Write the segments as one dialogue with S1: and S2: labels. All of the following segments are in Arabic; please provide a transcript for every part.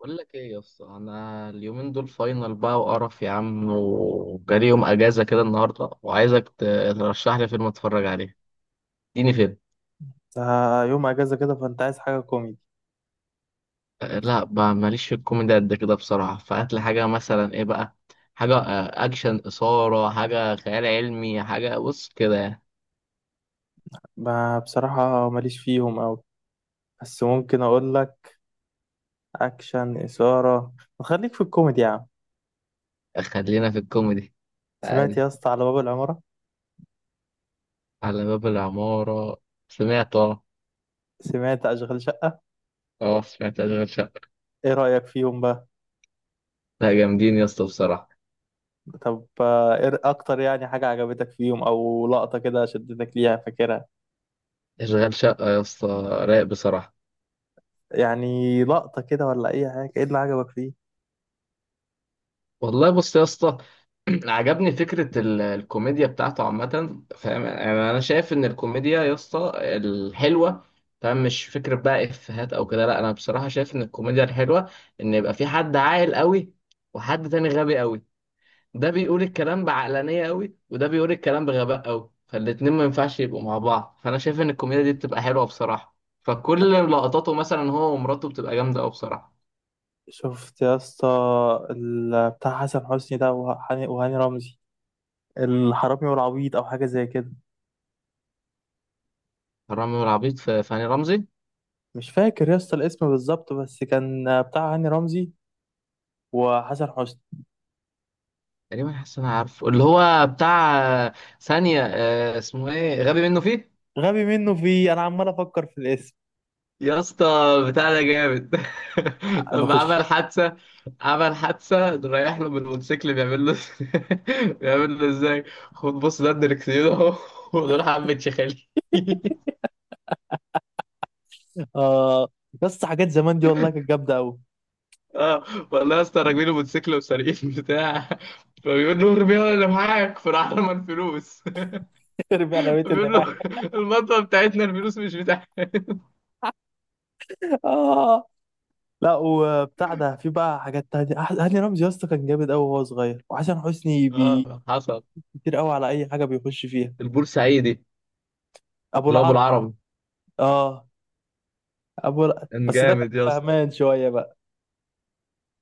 S1: بقول لك ايه يا اسطى، انا اليومين دول فاينل بقى وقرف يا عم، وجالي يوم اجازه كده النهارده وعايزك ترشح لي فيلم اتفرج عليه. اديني فيلم.
S2: يوم اجازه كده فانت عايز حاجه كوميدي.
S1: لا بقى ماليش في الكوميدي قد كده بصراحه، فهات لي حاجه مثلا ايه بقى. حاجه اكشن، اثاره، حاجه خيال علمي، حاجه بص كده يعني.
S2: ما بصراحه ماليش فيهم أوي، بس ممكن اقول لك اكشن اثاره. خليك في الكوميدي يا عم.
S1: خلينا في الكوميدي.
S2: سمعت يا
S1: عادي.
S2: اسطى على باب العماره؟
S1: على باب العماره. سمعت اه.
S2: سمعت اشغال شقه؟
S1: اه سمعت اشغال شقه.
S2: ايه رايك فيهم بقى؟
S1: لا جامدين يا اسطى بصراحه.
S2: طب ايه اكتر يعني حاجه عجبتك فيهم او لقطه كده شدتك ليها فاكرها؟
S1: اشغال شقه يا اسطى. رايق بصراحه.
S2: يعني لقطه كده ولا اي حاجه، ايه اللي عجبك فيه؟
S1: والله بص يا اسطى. عجبني فكرة الكوميديا بتاعته عامة. فاهم؟ يعني أنا شايف إن الكوميديا يا اسطى الحلوة، فاهم، مش فكرة بقى إفيهات أو كده. لا أنا بصراحة شايف إن الكوميديا الحلوة إن يبقى في حد عاقل قوي وحد تاني غبي قوي. ده بيقول الكلام بعقلانية قوي وده بيقول الكلام بغباء قوي، فالاتنين ما ينفعش يبقوا مع بعض. فأنا شايف إن الكوميديا دي بتبقى حلوة بصراحة.
S2: أنت
S1: فكل لقطاته مثلا هو ومراته بتبقى جامدة قوي بصراحة.
S2: شفت يا اسطى بتاع حسن حسني ده، وهاني رمزي، الحرامي والعبيط او حاجه زي كده؟
S1: رامي والعبيط، في هاني رمزي.
S2: مش فاكر يا اسطى الاسم بالظبط، بس كان بتاع هاني رمزي وحسن حسني.
S1: تقريبا حاسس إن انا عارفه اللي هو بتاع. آه، ثانية. اسمه ايه؟ غبي منه فيه.
S2: غبي منه في، انا عمال افكر في الاسم.
S1: يا اسطى بتاع ده جامد. لما
S2: نخش.
S1: عمل حادثة. عمل حادثة رايح له بالموتوسيكل بيعمل له. بيعمل له ازاي؟ خد بص، ده الدركسيون اهو. ودول حبة شخالي.
S2: اه، بس حاجات زمان دي والله كانت جامده قوي.
S1: اه والله يا اسطى، راكبين الموتوسيكل وسارقين بتاع، فبيقول له ارميها اللي معاك، فراح رمى الفلوس.
S2: رجعنا بيت اللي
S1: فبيقول
S2: معايا.
S1: له المطوه بتاعتنا، الفلوس مش بتاعتك.
S2: اه، لا وبتاع ده في بقى حاجات تانية. هاني رمزي يا اسطى كان جامد قوي وهو صغير، وحسن حسني
S1: اه حصل.
S2: كتير قوي على اي حاجه بيخش فيها.
S1: البورسعيدي،
S2: ابو
S1: اللي هو ابو
S2: العرب.
S1: العربي.
S2: اه،
S1: كان
S2: بس ده كان
S1: جامد يا اسطى.
S2: فهمان شويه بقى.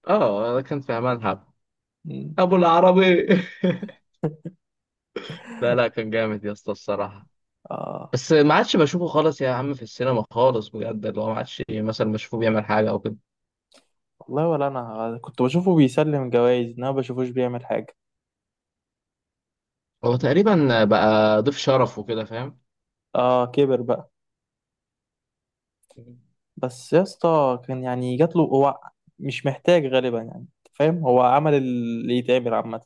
S1: اه كان في امان حب.
S2: مم.
S1: ابو العربي. لا لا، كان جامد يا اسطى الصراحه.
S2: اه،
S1: بس ما عادش بشوفه خالص يا عم في السينما خالص بجد، اللي هو ما عادش مثلا بشوفه بيعمل حاجه او كده.
S2: والله ولا انا كنت بشوفه بيسلم جوائز، انا ما بشوفوش بيعمل حاجه.
S1: هو تقريبا بقى ضيف شرف وكده، فاهم.
S2: اه، كبر بقى. بس يا اسطى كان يعني جات له هو، مش محتاج غالبا يعني. أنت فاهم، هو عمل اللي يتعمل عامة.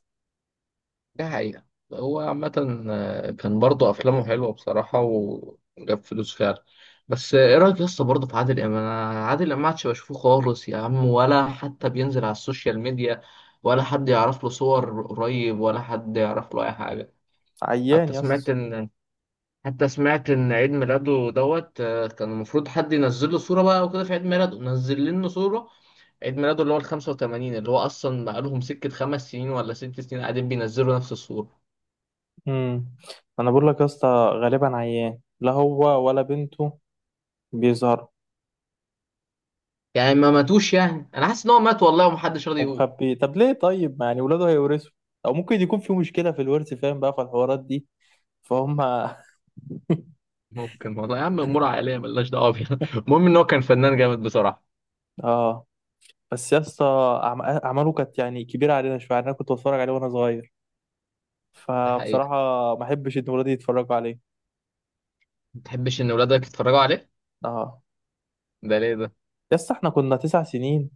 S1: ده حقيقة. هو عامة كان برضه أفلامه حلوة بصراحة وجاب فلوس فعلا. بس إيه رأيك يا اسطى برضه في عادل إمام؟ أنا عادل إمام محدش بشوفه خالص يا عم، ولا حتى بينزل على السوشيال ميديا، ولا حد يعرف له صور قريب، ولا حد يعرف له أي حاجة.
S2: عيان
S1: حتى
S2: يا
S1: سمعت
S2: اسطى.
S1: إن حتى سمعت إن عيد ميلاده دوت كان المفروض حد ينزل له صورة بقى وكده في عيد ميلاده، نزل لنا صورة عيد ميلاده اللي هو ال 85، اللي هو أصلا بقالهم سكة خمس سنين ولا ست سنين قاعدين بينزلوا نفس الصورة.
S2: امم انا بقول لك يا اسطى، غالبا عيان لا هو ولا بنته بيظهر،
S1: يعني ما ماتوش؟ يعني انا حاسس ان هو مات والله ومحدش راضي يقول.
S2: ومخبي. طب ليه طيب؟ يعني ولاده هيورثوا، او ممكن يكون في مشكلة في الورث، فاهم بقى في الحوارات دي. فهم.
S1: ممكن والله يا عم، امور عائليه ملناش دعوه بيها. المهم ان هو كان فنان جامد بصراحه.
S2: اه، بس يا اسطى اعماله كانت يعني كبيرة علينا شوية، يعني انا كنت بتفرج عليه وانا صغير،
S1: ده حقيقه.
S2: فبصراحة ما احبش ان ولادي يتفرجوا عليه.
S1: ما تحبش ان ولادك يتفرجوا عليه؟
S2: اه.
S1: ده ليه ده؟
S2: يس احنا كنا تسع سنين،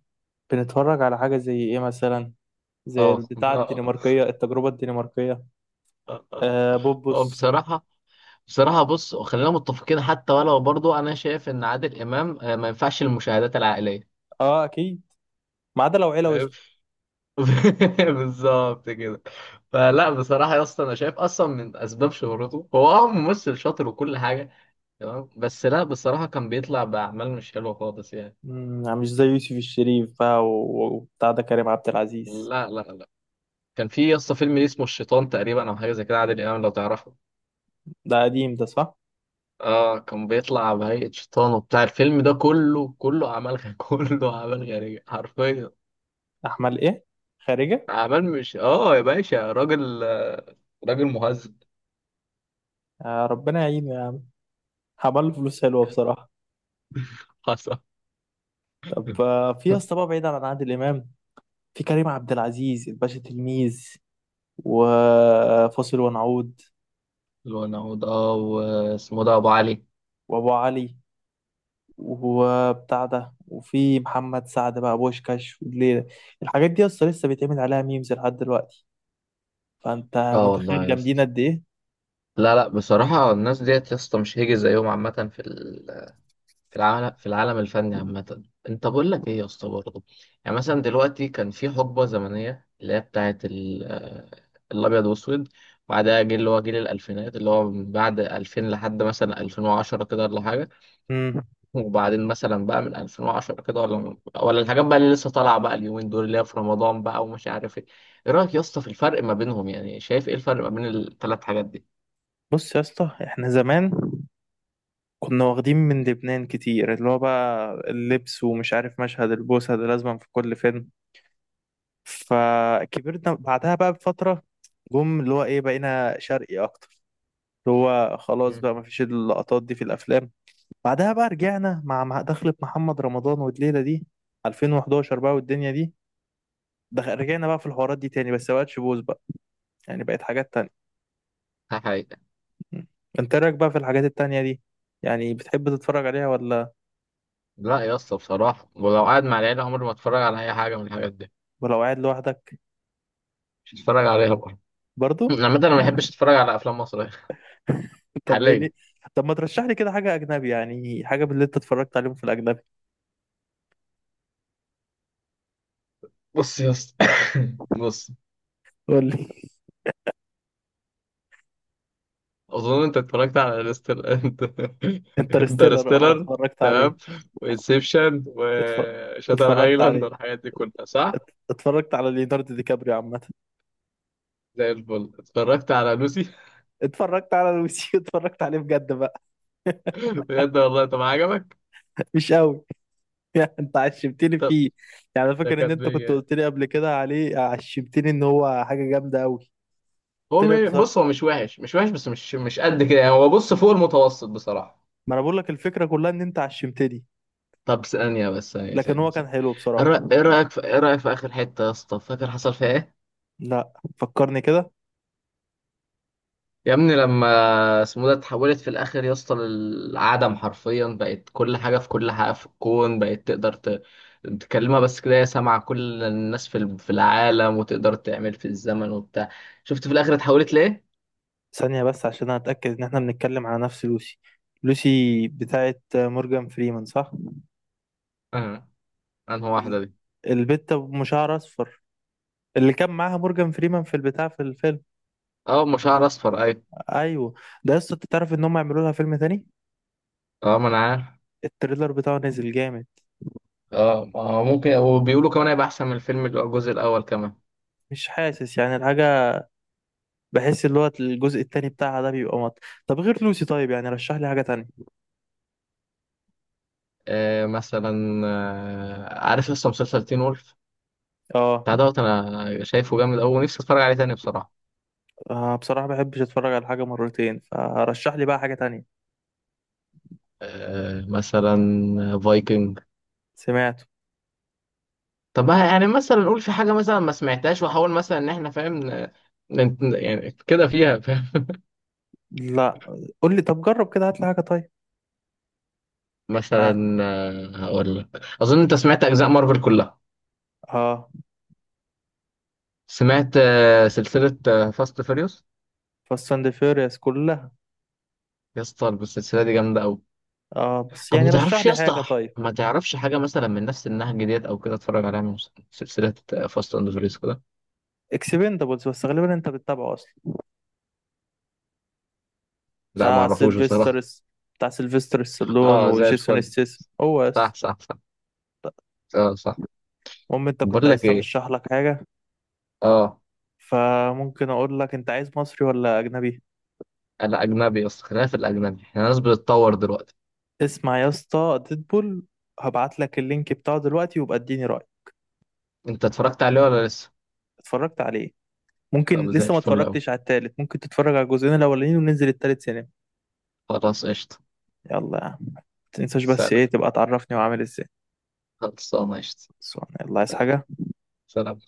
S2: بنتفرج على حاجة زي ايه مثلا؟ زي
S1: اه
S2: البتاع
S1: اه
S2: الدنماركية، التجربة الدنماركية.
S1: اه. آه.
S2: آه، بوبوس.
S1: بصراحه. بصراحه بص، خلينا متفقين، حتى ولو برضو انا شايف ان عادل امام ما ينفعش المشاهدات العائليه،
S2: اه اكيد، ما عدا لو عيلة
S1: فاهم.
S2: وسخة.
S1: بالظبط كده. فلا بصراحه يا اسطى، انا شايف اصلا من اسباب شهرته هو اه ممثل شاطر وكل حاجه، تمام، بس لا بصراحة كان بيطلع بأعمال مش حلوة خالص يعني.
S2: مم، مش زي يوسف الشريف بقى وبتاع ده كريم عبد العزيز.
S1: لا لا لا. كان في يسطا فيلم ليه اسمه الشيطان تقريبا، أو حاجة زي كده، عادل إمام، لو تعرفه.
S2: ده قديم ده، صح؟
S1: اه كان بيطلع بهيئة شيطان وبتاع، الفيلم ده كله أعمال كله أعمال غريبة حرفيا.
S2: احمد ايه، خارجة.
S1: أعمال مش اه يا باشا راجل راجل مهذب.
S2: آه، ربنا يعينه يا عم. عمل له فلوس حلوة بصراحة.
S1: حصل.
S2: طب في يا اسطى بقى، بعيد عن عادل امام، في كريم عبد العزيز، الباشا تلميذ وفاصل ونعود
S1: ونعود، اه، واسمه ده أبو علي.
S2: وابو علي وبتاع ده، وفي محمد سعد بقى، بوشكاش والليلة. الحاجات دي اصلا لسه بيتعمل عليها ميمز لحد دلوقتي، فانت
S1: اه والله
S2: متخيل
S1: يا
S2: جامدين
S1: اسطى.
S2: قد ايه.
S1: لا لا، بصراحة الناس ديت يا اسطى مش هيجي زيهم عامة في العالم الفني عامة. انت بقول لك ايه يا اسطى برضه، يعني مثلا دلوقتي كان في حقبة زمنية اللي هي بتاعت الابيض واسود. بعدها جيل اللي هو جيل الالفينات، اللي هو من بعد 2000 لحد مثلا 2010 كده ولا حاجة.
S2: امم
S1: وبعدين مثلا بقى من 2010 كده ولا الحاجات بقى اللي لسه طالعة بقى اليومين دول، اللي هي في رمضان بقى ومش عارف ايه. ايه رأيك يا اسطى في الفرق ما بينهم؟ يعني شايف ايه الفرق ما بين الثلاث حاجات دي؟
S2: بص يا اسطى، احنا زمان كنا واخدين من لبنان كتير، اللي هو بقى اللبس، ومش عارف مشهد البوسة ده لازم في كل فيلم. فكبرنا بعدها بقى بفترة، جم اللي هو ايه، بقينا شرقي اكتر، اللي هو خلاص
S1: مم.
S2: بقى مفيش اللقطات دي في الافلام. بعدها بقى رجعنا مع دخلة محمد رمضان والليلة دي، 2011 بقى والدنيا دي. رجعنا بقى في الحوارات دي تاني، بس مبقتش بوز بقى، يعني بقت حاجات تانية.
S1: ده حقيقة.
S2: م. انت إيه رأيك بقى في الحاجات التانية دي؟ يعني بتحب تتفرج عليها ولا؟
S1: لا يا اسطى بصراحة، ولو قاعد مع العيلة عمري ما اتفرج على اي حاجة من الحاجات دي.
S2: ولو قاعد لوحدك
S1: مش هتفرج عليها بره.
S2: برضو؟
S1: عامة انا ما بحبش اتفرج على افلام مصرية.
S2: طب ايه ليه؟
S1: حاليا.
S2: طب ما ترشح لي كده حاجة أجنبي، يعني حاجة من اللي انت اتفرجت عليهم في الأجنبي.
S1: بص يا اسطى. بص.
S2: قول لي.
S1: اظن انت اتفرجت على انترستيلر انت.
S2: انترستيلر، اه
S1: انترستيلر،
S2: اتفرجت عليه.
S1: تمام، وانسبشن
S2: اتفرج
S1: وشاتر
S2: اتفرجت
S1: ايلاند
S2: عليه.
S1: والحاجات دي كلها، صح؟
S2: اتفرجت على ليوناردو دي كابريو عامة.
S1: زي الفل. اتفرجت على لوسي.
S2: اتفرجت على لويس اتفرجت عليه بجد بقى.
S1: بجد والله. طب عجبك؟
S2: مش قوي. يعني انت عشمتني
S1: طب
S2: فيه. يعني انا
S1: ده
S2: فاكر
S1: كان
S2: ان انت كنت قلت لي قبل كده عليه، عشمتني ان هو حاجه جامده قوي.
S1: هو
S2: طلع
S1: بص،
S2: بصراحه.
S1: هو مش وحش، مش وحش، بس مش قد كده يعني. هو بص فوق المتوسط بصراحة.
S2: ما انا بقول لك الفكره كلها ان انت عشمتني،
S1: طب ثانية بس، ثانية
S2: لكن
S1: ثانية
S2: هو كان
S1: ثانية.
S2: حلو بصراحه.
S1: إيه رأيك في، آخر حتة يا اسطى، فاكر حصل فيها ايه؟
S2: لا، فكرني كده.
S1: يا ابني لما اسمه ده، اتحولت في الآخر يا اسطى للعدم حرفيا، بقت كل حاجة في كل حاجة في الكون، بقت تقدر ت... تكلمها بس كده، هي سامعة كل الناس في في العالم، وتقدر تعمل في الزمن وبتاع. شفت في الآخر اتحولت ليه؟
S2: ثانيه بس عشان اتاكد ان احنا بنتكلم على نفس لوسي. لوسي بتاعت مورجان فريمان، صح؟
S1: اه. انهي واحدة
S2: ال-
S1: دي؟
S2: البت ام شعر اصفر، اللي كان معاها مورجان فريمان في البتاع، في الفيلم.
S1: اه، أم شعر أصفر، أيوة.
S2: ايوه. ده لسه، تعرف ان هم يعملوا لها فيلم تاني؟
S1: اه ما أنا عارف.
S2: التريلر بتاعه نزل جامد.
S1: اه ما هو ممكن، وبيقولوا كمان هيبقى أحسن من الفيلم اللي هو الجزء الأول كمان.
S2: مش حاسس يعني الحاجه، بحس اللي هو الجزء التاني بتاعها ده بيبقى مط. طب غير لوسي طيب، يعني رشح لي حاجة تانية.
S1: آه مثلا، آه عارف لسه مسلسل تين وولف،
S2: اه
S1: بتاع دوت، انا شايفه جامد قوي ونفسي اتفرج عليه تاني بصراحه.
S2: بصراحة ما بحبش اتفرج على حاجة مرتين، فرشح لي بقى حاجة تانية.
S1: آه مثلا، فايكنج.
S2: سمعته.
S1: طب ما يعني مثلا نقول في حاجه مثلا ما سمعتهاش واحاول مثلا ان احنا فاهم يعني كده فيها، فاهم.
S2: لا، قول لي. طب جرب كده هات لي حاجة طيب. يعني،
S1: مثلا هقول لك. اظن انت سمعت اجزاء مارفل كلها.
S2: اه،
S1: سمعت سلسله فاست فيريوس.
S2: فاست اند فيوريوس كلها.
S1: يا اسطى السلسله دي جامده قوي.
S2: اه بس
S1: طب
S2: يعني
S1: ما
S2: رشح
S1: تعرفش يا
S2: لي حاجة
S1: اسطى،
S2: طيب.
S1: ما تعرفش حاجة مثلا من نفس النهج ديت أو كده أتفرج عليها من سلسلة فاست أند فيريوس كده.
S2: اكسبندبلز، بس غالبا انت بتتابعه اصلا.
S1: لا ما
S2: بتاع
S1: أعرفوش بصراحة.
S2: سيلفسترس بتاع سيلفستر ستالون
S1: أه زي
S2: وجيسون
S1: الفل.
S2: ستاثام هو
S1: صح
S2: اصلا.
S1: صح صح. أه صح.
S2: المهم انت كنت
S1: بقول
S2: عايز
S1: لك إيه.
S2: ترشح لك حاجة،
S1: أه.
S2: فممكن اقول لك: انت عايز مصري ولا اجنبي؟
S1: أنا أجنبي يا اسطى، خلينا في الأجنبي، إحنا ناس بتتطور دلوقتي.
S2: اسمع يا اسطى، ديدبول. هبعت لك اللينك بتاعه دلوقتي، وابقى اديني رأي.
S1: أنت اتفرجت عليه ولا لسه؟
S2: اتفرجت عليه، ممكن
S1: طب زي
S2: لسه ما
S1: الفل أوي.
S2: اتفرجتش على التالت. ممكن تتفرج على الجزئين الاولانيين وننزل التالت سينما.
S1: خلاص قشطة.
S2: يلا يا عم، ما تنساش بس
S1: سلام.
S2: ايه تبقى تعرفني وعامل ازاي.
S1: خلصانة قشطة.
S2: بس يلا، عايز حاجة.
S1: سلام.